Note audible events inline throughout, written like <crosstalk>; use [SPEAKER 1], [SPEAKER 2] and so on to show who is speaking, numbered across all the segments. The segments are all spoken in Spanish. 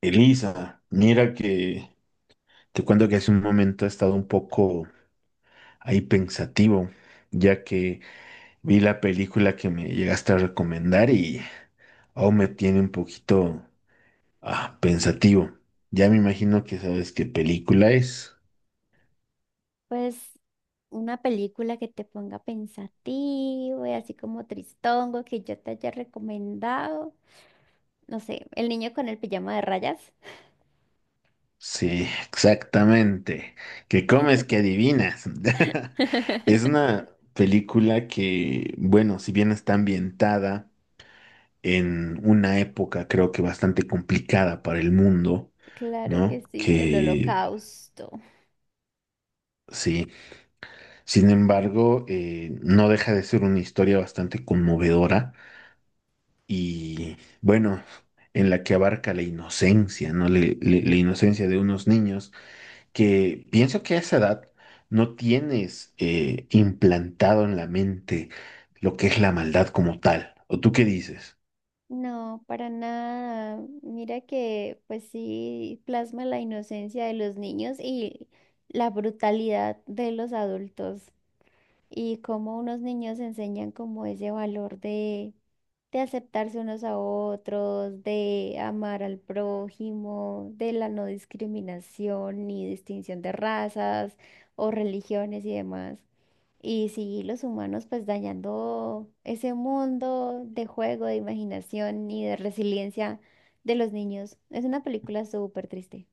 [SPEAKER 1] Elisa, mira que te cuento que hace un momento he estado un poco ahí pensativo, ya que vi la película que me llegaste a recomendar y aún me tiene un poquito pensativo. Ya me imagino que sabes qué película es.
[SPEAKER 2] Pues una película que te ponga pensativo y así como tristongo que yo te haya recomendado. No sé, El niño con el pijama de rayas.
[SPEAKER 1] Sí, exactamente. ¿Qué comes, que adivinas? <laughs> Es una película que, bueno, si bien está ambientada en una época creo que bastante complicada para el mundo,
[SPEAKER 2] Claro que
[SPEAKER 1] ¿no?
[SPEAKER 2] sí, el
[SPEAKER 1] Que
[SPEAKER 2] holocausto.
[SPEAKER 1] sí, sin embargo, no deja de ser una historia bastante conmovedora y bueno, en la que abarca la inocencia, ¿no? La inocencia de unos niños que pienso que a esa edad no tienes implantado en la mente lo que es la maldad como tal. ¿O tú qué dices?
[SPEAKER 2] No, para nada. Mira que pues sí plasma la inocencia de los niños y la brutalidad de los adultos. Y cómo unos niños enseñan como ese valor de aceptarse unos a otros, de amar al prójimo, de la no discriminación ni distinción de razas o religiones y demás. Y sí, los humanos pues dañando ese mundo de juego, de imaginación y de resiliencia de los niños. Es una película súper triste.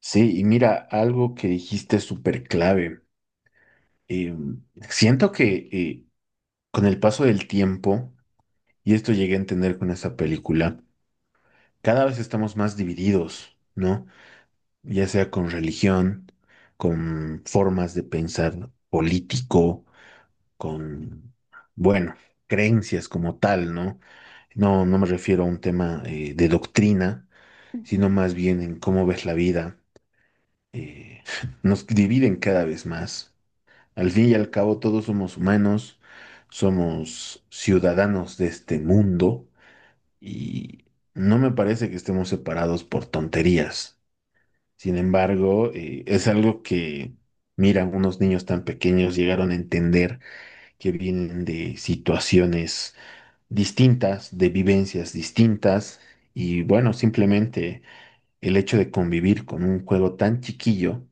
[SPEAKER 1] Sí, y mira, algo que dijiste es súper clave. eh, Siento que con el paso del tiempo, y esto llegué a entender con esta película, cada vez estamos más divididos, ¿no? Ya sea con religión, con formas de pensar político, con, bueno, creencias como tal, ¿no? No, no me refiero a un tema de doctrina, sino más bien en cómo ves la vida. eh, <laughs> Nos dividen cada vez más. Al fin y al cabo, todos somos humanos, somos ciudadanos de este mundo y no me parece que estemos separados por tonterías. Sin embargo, es algo que, mira, unos niños tan pequeños llegaron a entender que vienen de situaciones distintas, de vivencias distintas y bueno, simplemente el hecho de convivir con un juego tan chiquillo,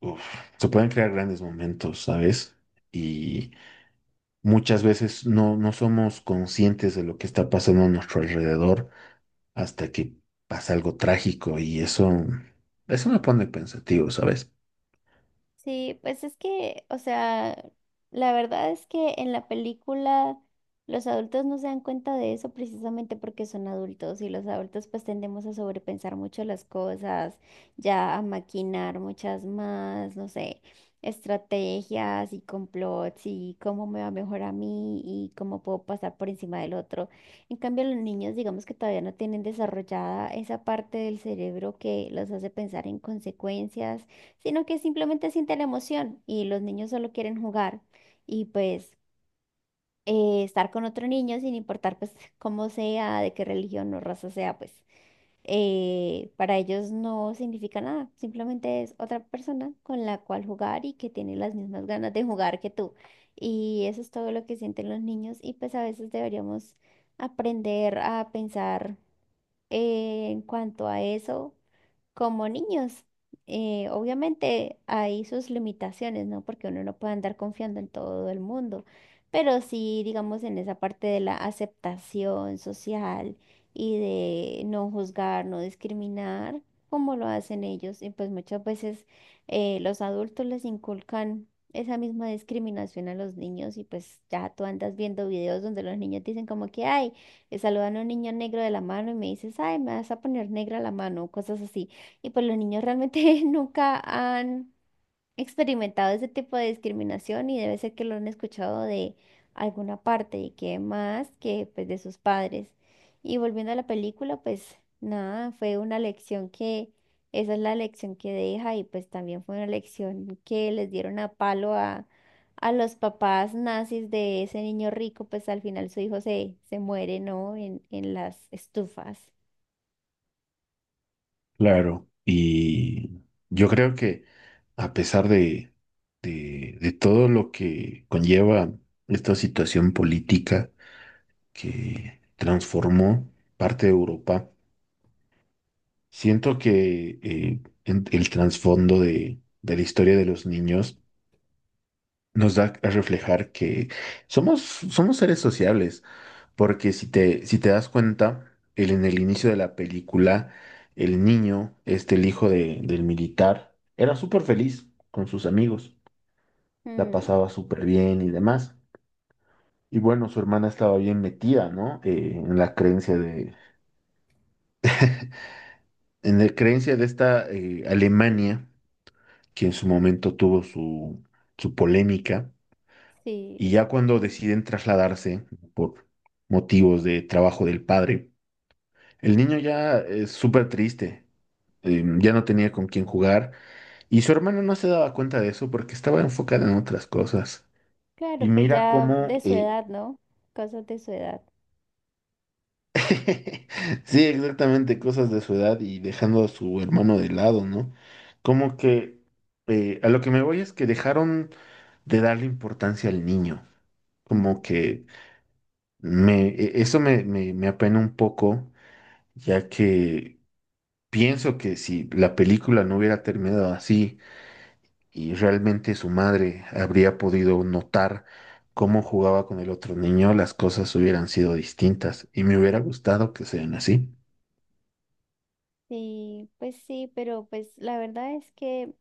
[SPEAKER 1] uf, se pueden crear grandes momentos, ¿sabes? Y muchas veces no somos conscientes de lo que está pasando a nuestro alrededor hasta que pasa algo trágico y eso me pone pensativo, ¿sabes?
[SPEAKER 2] Sí, pues es que, o sea, la verdad es que en la película los adultos no se dan cuenta de eso precisamente porque son adultos y los adultos pues tendemos a sobrepensar mucho las cosas, ya a maquinar muchas más, no sé, estrategias y complots y cómo me va mejor a mí y cómo puedo pasar por encima del otro. En cambio, los niños digamos que todavía no tienen desarrollada esa parte del cerebro que los hace pensar en consecuencias, sino que simplemente siente la emoción y los niños solo quieren jugar y pues estar con otro niño sin importar pues <laughs> cómo sea, de qué religión o raza sea, pues para ellos no significa nada, simplemente es otra persona con la cual jugar y que tiene las mismas ganas de jugar que tú. Y eso es todo lo que sienten los niños y pues a veces deberíamos aprender a pensar en cuanto a eso como niños, obviamente hay sus limitaciones, ¿no? Porque uno no puede andar confiando en todo el mundo, pero sí, digamos, en esa parte de la aceptación social y de no juzgar, no discriminar, como lo hacen ellos. Y pues muchas veces los adultos les inculcan esa misma discriminación a los niños y pues ya tú andas viendo videos donde los niños dicen como que, ay, le saludan a un niño negro de la mano y me dices, ay, me vas a poner negra la mano, o cosas así. Y pues los niños realmente <laughs> nunca han experimentado ese tipo de discriminación y debe ser que lo han escuchado de alguna parte y que más que pues de sus padres. Y volviendo a la película, pues nada, fue una lección que, esa es la lección que deja y pues también fue una lección que les dieron a palo a los papás nazis de ese niño rico, pues al final su hijo se, se muere, ¿no? En las estufas.
[SPEAKER 1] Claro. Y yo creo que a pesar de, de todo lo que conlleva esta situación política que transformó parte de Europa, siento que el trasfondo de la historia de los niños nos da a reflejar que somos seres sociables, porque si te, si te das cuenta, en el inicio de la película, el niño, este, el hijo del militar, era súper feliz con sus amigos, la
[SPEAKER 2] Mm,
[SPEAKER 1] pasaba súper bien y demás. Y bueno, su hermana estaba bien metida, ¿no? En la creencia de, en la creencia de esta Alemania, que en su momento tuvo su, su polémica. Y
[SPEAKER 2] sí.
[SPEAKER 1] ya cuando deciden trasladarse por motivos de trabajo del padre, el niño ya es súper triste, ya no tenía con quién jugar y su hermano no se daba cuenta de eso porque estaba enfocada en otras cosas. Y
[SPEAKER 2] Claro, pues
[SPEAKER 1] mira
[SPEAKER 2] ya
[SPEAKER 1] cómo,
[SPEAKER 2] de su edad, ¿no? Cosas de su edad.
[SPEAKER 1] <laughs> sí, exactamente, cosas de su edad y dejando a su hermano de lado, ¿no? Como que a lo que me voy es que dejaron de darle importancia al niño, como
[SPEAKER 2] Ujú.
[SPEAKER 1] que... Eso me apena un poco, ya que pienso que si la película no hubiera terminado así y realmente su madre habría podido notar cómo jugaba con el otro niño, las cosas hubieran sido distintas y me hubiera gustado que sean así.
[SPEAKER 2] Sí, pues sí, pero pues la verdad es que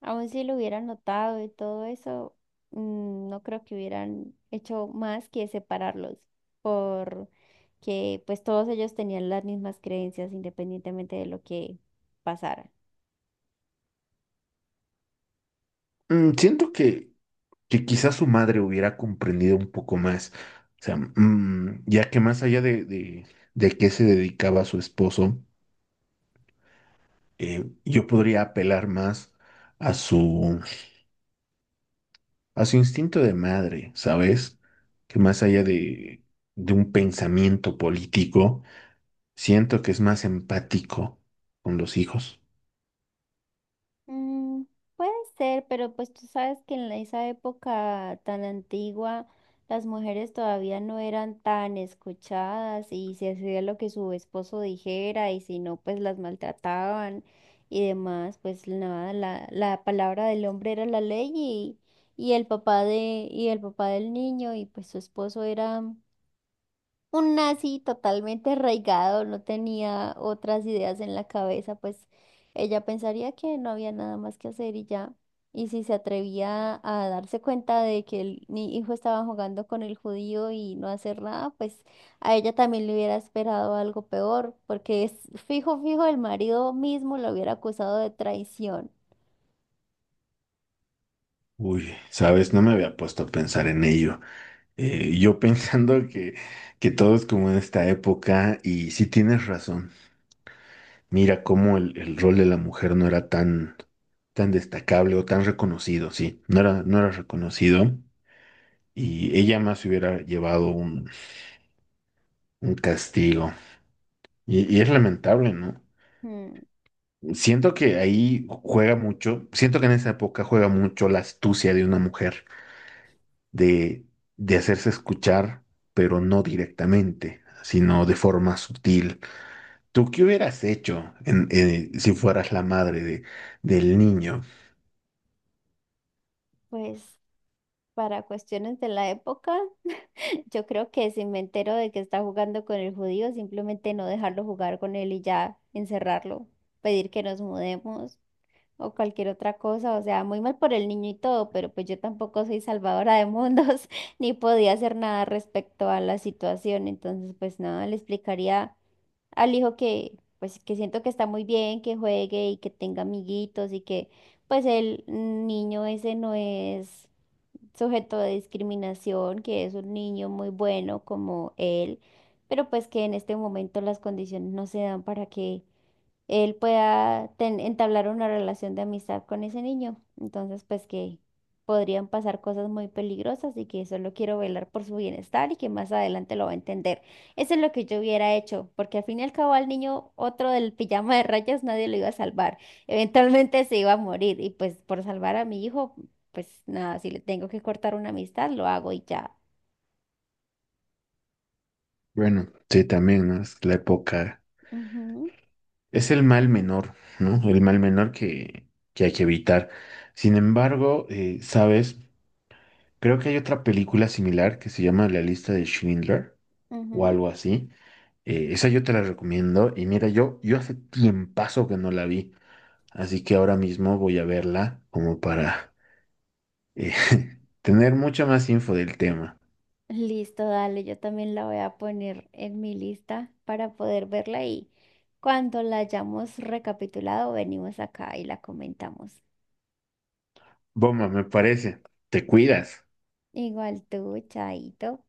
[SPEAKER 2] aun si lo hubieran notado y todo eso, mm, no creo que hubieran hecho más que separarlos, porque pues todos ellos tenían las mismas creencias independientemente de lo que pasara.
[SPEAKER 1] Mm, siento que quizás su madre hubiera comprendido un poco más, o sea, mm, ya que más allá de qué se dedicaba su esposo, yo podría apelar más a su a su instinto de madre, ¿sabes? Que más allá
[SPEAKER 2] Mm.
[SPEAKER 1] de un pensamiento político, siento que es más empático con los hijos.
[SPEAKER 2] Mm, puede ser, pero pues tú sabes que en la- esa época tan antigua las mujeres todavía no eran tan escuchadas y se hacía lo que su esposo dijera y si no pues las maltrataban y demás, pues nada, la palabra del hombre era la ley y el papá de, y el papá del niño y pues su esposo era un nazi totalmente arraigado, no tenía otras ideas en la cabeza, pues ella pensaría que no había nada más que hacer y ya. Y si se atrevía a darse cuenta de que el, mi hijo estaba jugando con el judío y no hacer nada, pues a ella también le hubiera esperado algo peor, porque es fijo, fijo, el marido mismo lo hubiera acusado de traición.
[SPEAKER 1] Uy, ¿sabes? No me había puesto a pensar en ello. Yo <laughs> pensando que todo es como en esta época, y sí tienes razón. Mira cómo el rol de la mujer no era tan destacable o tan reconocido, sí, no era reconocido. Y ella más hubiera llevado un castigo. Y es lamentable, ¿no?
[SPEAKER 2] Mm,
[SPEAKER 1] Siento que ahí juega mucho, siento que en esa época juega mucho la astucia de una mujer de, de hacerse escuchar, pero no directamente, sino de forma sutil. ¿Tú qué hubieras hecho si fueras la madre de, del niño?
[SPEAKER 2] pues para cuestiones de la época. Yo creo que si me entero de que está jugando con el judío, simplemente no dejarlo jugar con él y ya encerrarlo, pedir que nos mudemos o cualquier otra cosa. O sea, muy mal por el niño y todo, pero pues yo tampoco soy salvadora de mundos <laughs> ni podía hacer nada respecto a la situación. Entonces, pues nada, le explicaría al hijo que pues que siento que está muy bien, que juegue y que tenga amiguitos y que pues el niño ese no es sujeto de discriminación, que es un niño muy bueno como él, pero pues que en este momento las condiciones no se dan para que él pueda entablar una relación de amistad con ese niño. Entonces, pues que podrían pasar cosas muy peligrosas y que solo quiero velar por su bienestar y que más adelante lo va a entender. Eso es lo que yo hubiera hecho, porque al fin y al cabo al niño otro del pijama de rayas nadie lo iba a salvar. Eventualmente se iba a morir y pues por salvar a mi hijo, pues nada, si le tengo que cortar una amistad, lo hago y ya.
[SPEAKER 1] Bueno, sí, también, ¿no? Es la época,
[SPEAKER 2] Ujú,
[SPEAKER 1] es el mal menor, ¿no? El mal menor que hay que evitar. Sin embargo, ¿sabes? Creo que hay otra película similar que se llama La lista de Schindler o
[SPEAKER 2] ujú.
[SPEAKER 1] algo así. Esa yo te la recomiendo. Y mira, yo hace tiempazo que no la vi. Así que ahora mismo voy a verla como para eh, <laughs> tener mucha más info del tema.
[SPEAKER 2] Listo, dale, yo también la voy a poner en mi lista para poder verla y cuando la hayamos recapitulado, venimos acá y la comentamos.
[SPEAKER 1] Bomba, me parece. Te cuidas.
[SPEAKER 2] Igual tú, Chaito.